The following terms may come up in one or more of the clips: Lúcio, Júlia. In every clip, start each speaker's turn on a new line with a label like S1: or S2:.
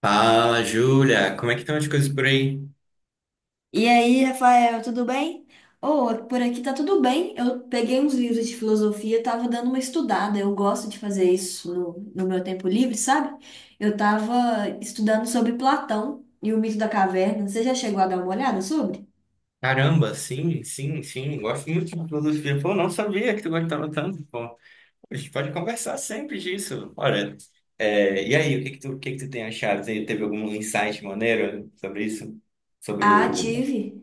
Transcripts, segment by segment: S1: Fala, Júlia, como é que estão as coisas por aí?
S2: E aí, Rafael, tudo bem? Oh, por aqui tá tudo bem. Eu peguei uns livros de filosofia, tava dando uma estudada. Eu gosto de fazer isso no meu tempo livre, sabe? Eu tava estudando sobre Platão e o mito da caverna. Você já chegou a dar uma olhada sobre?
S1: Caramba, sim, sim, sim, gosto muito de filosofia. Pô, não sabia que tu gostava tanto, pô. A gente pode conversar sempre disso. Olha, e aí, o que que tu tem achado? Teve algum insight maneiro sobre isso? Sobre
S2: Ah,
S1: o...
S2: tive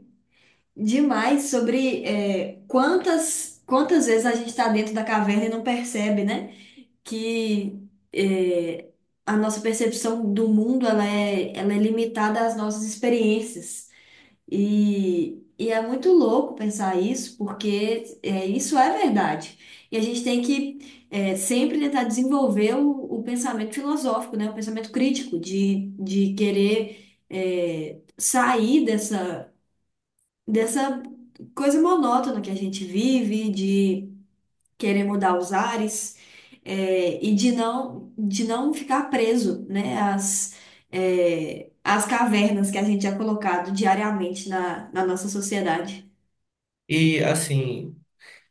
S2: demais sobre quantas vezes a gente está dentro da caverna e não percebe, né? Que é, a nossa percepção do mundo ela é limitada às nossas experiências. E é muito louco pensar isso, porque isso é verdade. E a gente tem que sempre tentar desenvolver o pensamento filosófico, né? O pensamento crítico, de querer sair dessa coisa monótona que a gente vive, querer mudar os ares e de não ficar preso, né, às cavernas que a gente é colocado diariamente na nossa sociedade.
S1: E, assim,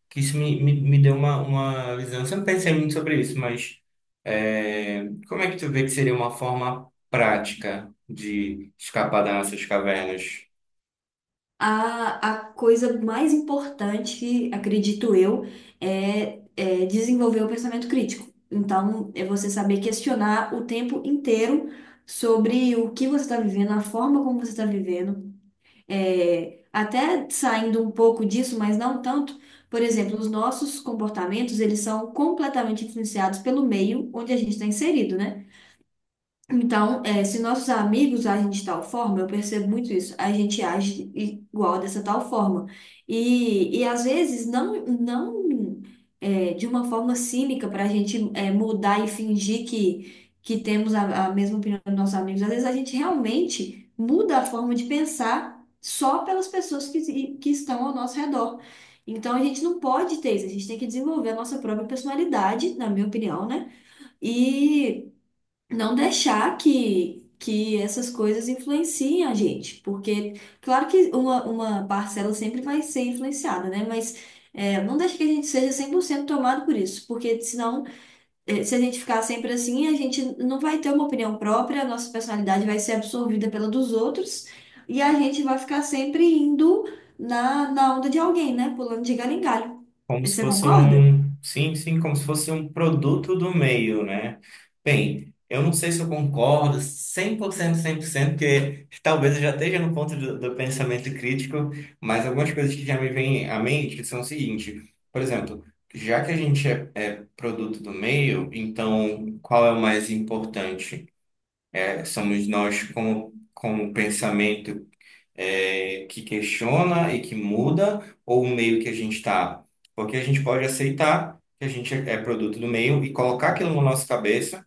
S1: que isso me deu uma visão. Eu sempre pensei muito sobre isso, mas como é que tu vê que seria uma forma prática de escapar das nossas cavernas?
S2: A coisa mais importante, que acredito eu, é desenvolver o pensamento crítico. Então, é você saber questionar o tempo inteiro sobre o que você está vivendo, a forma como você está vivendo. É, até saindo um pouco disso, mas não tanto, por exemplo, os nossos comportamentos, eles são completamente influenciados pelo meio onde a gente está inserido, né? Então, se nossos amigos agem de tal forma, eu percebo muito isso, a gente age igual dessa tal forma. E às vezes não, não, de uma forma cínica para a gente mudar e fingir que temos a mesma opinião dos nossos amigos. Às vezes a gente realmente muda a forma de pensar só pelas pessoas que estão ao nosso redor. Então a gente não pode ter isso, a gente tem que desenvolver a nossa própria personalidade, na minha opinião, né? E não deixar que essas coisas influenciem a gente, porque, claro que uma parcela sempre vai ser influenciada, né? Mas não deixa que a gente seja 100% tomado por isso, porque senão, se a gente ficar sempre assim, a gente não vai ter uma opinião própria, a nossa personalidade vai ser absorvida pela dos outros, e a gente vai ficar sempre indo na onda de alguém, né? Pulando de galho em galho.
S1: Como se
S2: Você
S1: fosse
S2: concorda?
S1: um, sim, sim, como se fosse um produto do meio, né? Bem, eu não sei se eu concordo cem cem por cento cem por cento, porque talvez eu já esteja no ponto do pensamento crítico, mas algumas coisas que já me vêm à mente são o seguinte. Por exemplo, já que a gente é produto do meio, então qual é o mais importante? É, somos nós como, como pensamento que questiona e que muda, ou o meio que a gente está? Porque a gente pode aceitar que a gente é produto do meio e colocar aquilo na nossa cabeça,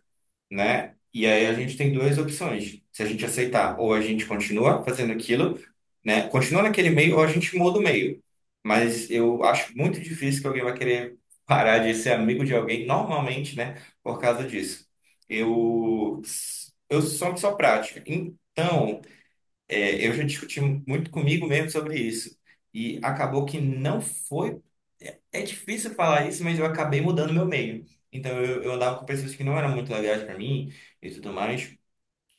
S1: né? E aí a gente tem duas opções: se a gente aceitar, ou a gente continua fazendo aquilo, né, continua naquele meio, ou a gente muda o meio. Mas eu acho muito difícil que alguém vai querer parar de ser amigo de alguém, normalmente, né? Por causa disso. Eu, eu sou uma pessoa prática. Então, eu já discuti muito comigo mesmo sobre isso. E acabou que não foi. É difícil falar isso, mas eu acabei mudando meu meio. Então eu andava com pessoas que não eram muito legais para mim e tudo mais.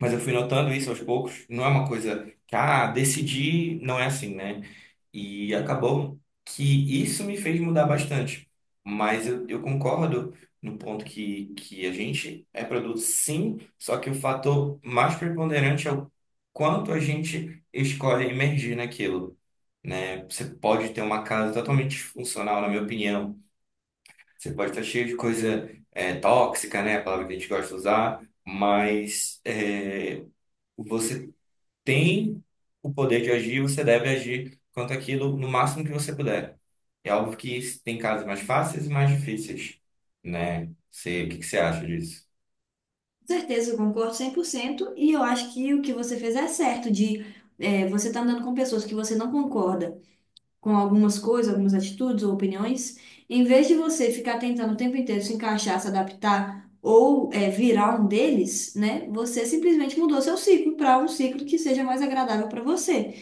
S1: Mas eu fui notando isso aos poucos. Não é uma coisa que, ah, decidi, não é assim, né? E acabou que isso me fez mudar bastante. Mas eu concordo no ponto que a gente é produto, sim, só que o fator mais preponderante é o quanto a gente escolhe emergir naquilo, né? Você pode ter uma casa totalmente disfuncional, na minha opinião. Você pode estar cheio de coisa tóxica, né? A palavra que a gente gosta de usar, mas você tem o poder de agir, você deve agir quanto aquilo no máximo que você puder. É óbvio que tem casos mais fáceis e mais difíceis, né? Você, o que que você acha disso?
S2: Com certeza, eu concordo 100%. E eu acho que o que você fez é certo, de você estar andando com pessoas que você não concorda com algumas coisas, algumas atitudes ou opiniões, em vez de você ficar tentando o tempo inteiro se encaixar, se adaptar ou virar um deles, né? Você simplesmente mudou seu ciclo para um ciclo que seja mais agradável para você.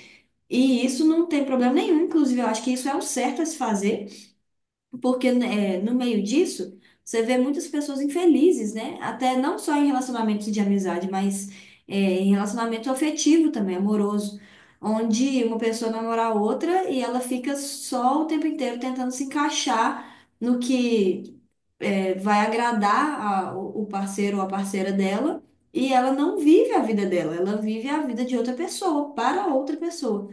S2: E isso não tem problema nenhum, inclusive eu acho que isso é o certo a se fazer. Porque né, no meio disso, você vê muitas pessoas infelizes, né? Até não só em relacionamentos de amizade, mas em relacionamento afetivo também, amoroso. Onde uma pessoa namora a outra e ela fica só o tempo inteiro tentando se encaixar no que vai agradar o parceiro ou a parceira dela. E ela não vive a vida dela, ela vive a vida de outra pessoa, para outra pessoa.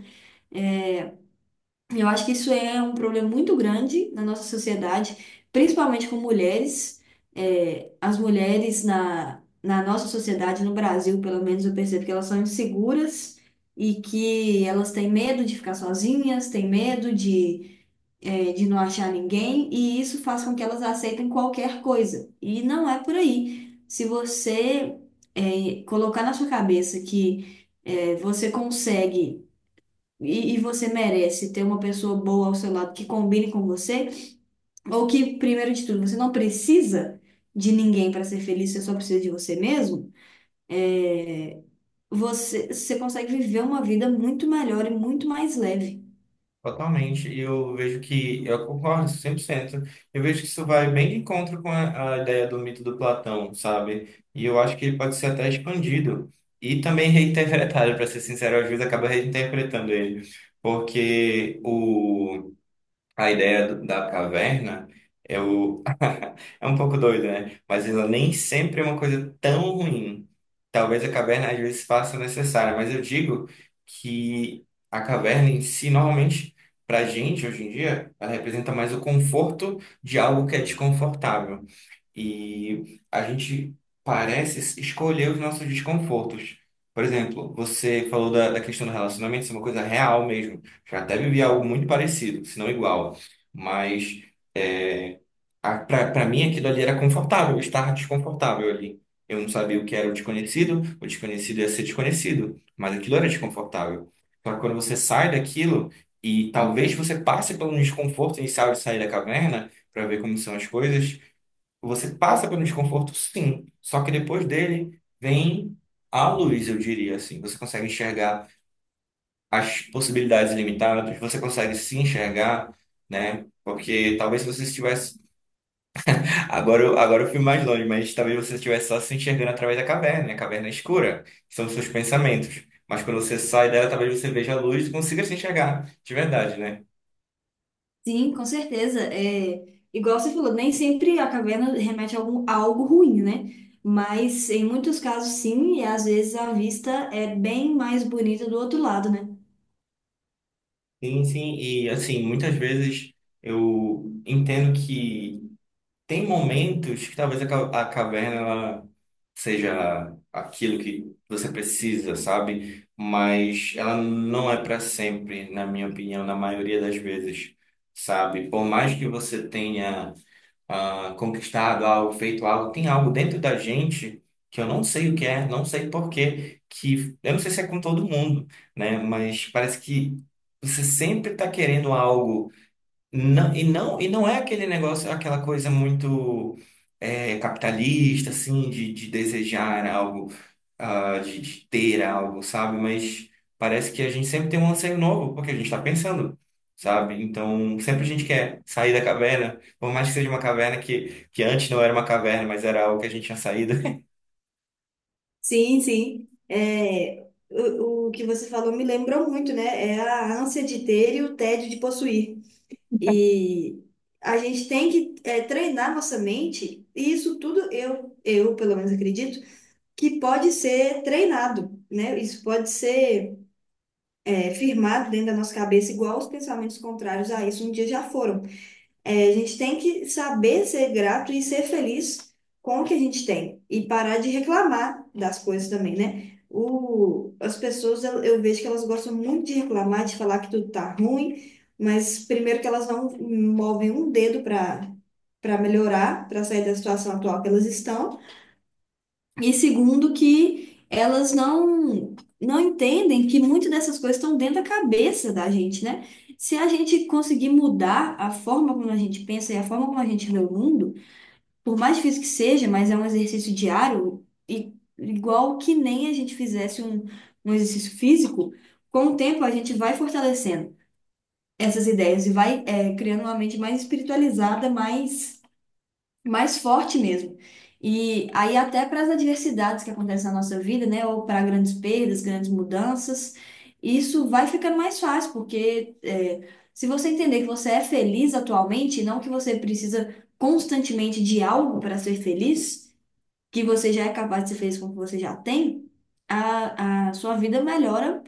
S2: Eu acho que isso é um problema muito grande na nossa sociedade, principalmente com mulheres. É, as mulheres na nossa sociedade, no Brasil, pelo menos, eu percebo que elas são inseguras e que elas têm medo de ficar sozinhas, têm medo de não achar ninguém, e isso faz com que elas aceitem qualquer coisa. E não é por aí. Se você, colocar na sua cabeça que, você consegue e você merece ter uma pessoa boa ao seu lado que combine com você, ou que, primeiro de tudo, você não precisa de ninguém para ser feliz, você só precisa de você mesmo, é, você consegue viver uma vida muito melhor e muito mais leve.
S1: Totalmente, e eu vejo que, eu concordo 100%. Eu vejo que isso vai bem de encontro com a ideia do mito do Platão, sabe? E eu acho que ele pode ser até expandido e também reinterpretado. Para ser sincero, às vezes acaba reinterpretando ele, porque o a da caverna é o... é um pouco doida, né? Mas ela nem sempre é uma coisa tão ruim. Talvez a caverna às vezes faça necessária, mas eu digo que a caverna em si, normalmente, para gente hoje em dia, ela representa mais o conforto de algo que é desconfortável. E a gente parece escolher os nossos desconfortos. Por exemplo, você falou da questão do relacionamento, isso é uma coisa real mesmo. Já até vivi algo muito parecido, se não igual. Mas é, para mim aquilo ali era confortável, eu estava desconfortável ali. Eu não sabia o que era o desconhecido ia ser desconhecido, mas aquilo era desconfortável. Só que quando você sai daquilo, e talvez você passe pelo desconforto inicial de sair da caverna, para ver como são as coisas. Você passa pelo desconforto, sim, só que depois dele vem a luz, eu diria assim. Você consegue enxergar as possibilidades ilimitadas, você consegue se enxergar, né? Porque talvez se você estivesse. Agora eu fui mais longe, mas talvez você estivesse só se enxergando através da caverna, né? A caverna é escura, que são os seus pensamentos. Mas quando você sai dela, talvez você veja a luz e consiga se enxergar, de verdade, né?
S2: Sim, com certeza. É, igual você falou, nem sempre a caverna remete a, algum, a algo ruim, né? Mas em muitos casos, sim, e às vezes a vista é bem mais bonita do outro lado, né?
S1: Sim, sim, e assim, muitas vezes eu entendo que. Tem momentos que talvez a caverna ela seja aquilo que você precisa, sabe? Mas ela não é para sempre, na minha opinião, na maioria das vezes, sabe? Por mais que você tenha ah, conquistado algo, feito algo, tem algo dentro da gente que eu não sei o que é, não sei por quê, que eu não sei se é com todo mundo, né? Mas parece que você sempre está querendo algo não, e não é aquele negócio, aquela coisa muito capitalista, assim, de desejar algo, ah, de ter algo, sabe? Mas parece que a gente sempre tem um anseio novo, porque a gente está pensando, sabe? Então, sempre a gente quer sair da caverna, por mais que seja uma caverna que antes não era uma caverna, mas era algo que a gente tinha saído.
S2: Sim, sim. É, o que você falou me lembrou muito, né? É a ânsia de ter e o tédio de possuir. E a gente tem que treinar nossa mente, e isso tudo eu pelo menos acredito, que pode ser treinado, né? Isso pode ser firmado dentro da nossa cabeça, igual os pensamentos contrários a isso um dia já foram. É, a gente tem que saber ser grato e ser feliz com o que a gente tem e parar de reclamar das coisas também, né? O, as pessoas, eu vejo que elas gostam muito de reclamar, de falar que tudo tá ruim, mas primeiro que elas não movem um dedo para melhorar, para sair da situação atual que elas estão. E segundo, que elas não entendem que muitas dessas coisas estão dentro da cabeça da gente, né? Se a gente conseguir mudar a forma como a gente pensa e a forma como a gente vê o mundo, por mais difícil que seja, mas é um exercício diário, e igual que nem a gente fizesse um exercício físico, com o tempo a gente vai fortalecendo essas ideias e vai, criando uma mente mais espiritualizada, mais forte mesmo. E aí até para as adversidades que acontecem na nossa vida, né, ou para grandes perdas, grandes mudanças, isso vai ficando mais fácil, porque se você entender que você é feliz atualmente, e não que você precisa constantemente de algo para ser feliz, que você já é capaz de ser feliz com o que você já tem, a sua vida melhora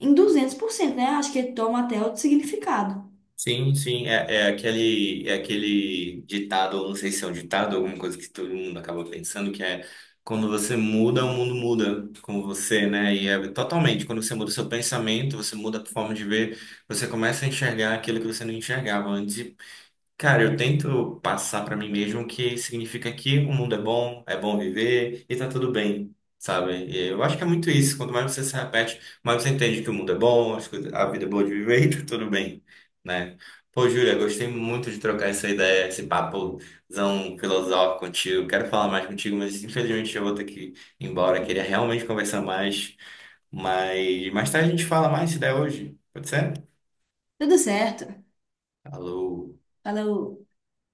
S2: em 200%, né? Acho que toma até outro significado.
S1: Sim, sim, é aquele ditado, ou não sei se é um ditado, alguma coisa que todo mundo acaba pensando, que é quando você muda, o mundo muda com você, né? E é totalmente, quando você muda o seu pensamento, você muda a forma de ver, você começa a enxergar aquilo que você não enxergava antes. Cara, eu tento passar pra mim mesmo que significa que o mundo é bom viver e tá tudo bem, sabe? E eu acho que é muito isso. Quanto mais você se repete, mais você entende que o mundo é bom, a vida é boa de viver e tá tudo bem, né? Pô, Júlia, gostei muito de trocar essa ideia, esse papozão filosófico contigo. Quero falar mais contigo, mas infelizmente eu vou ter que ir embora. Queria realmente conversar mais, mas mais tarde a gente fala mais se der hoje. Pode ser?
S2: Tudo certo.
S1: Alô.
S2: Falou.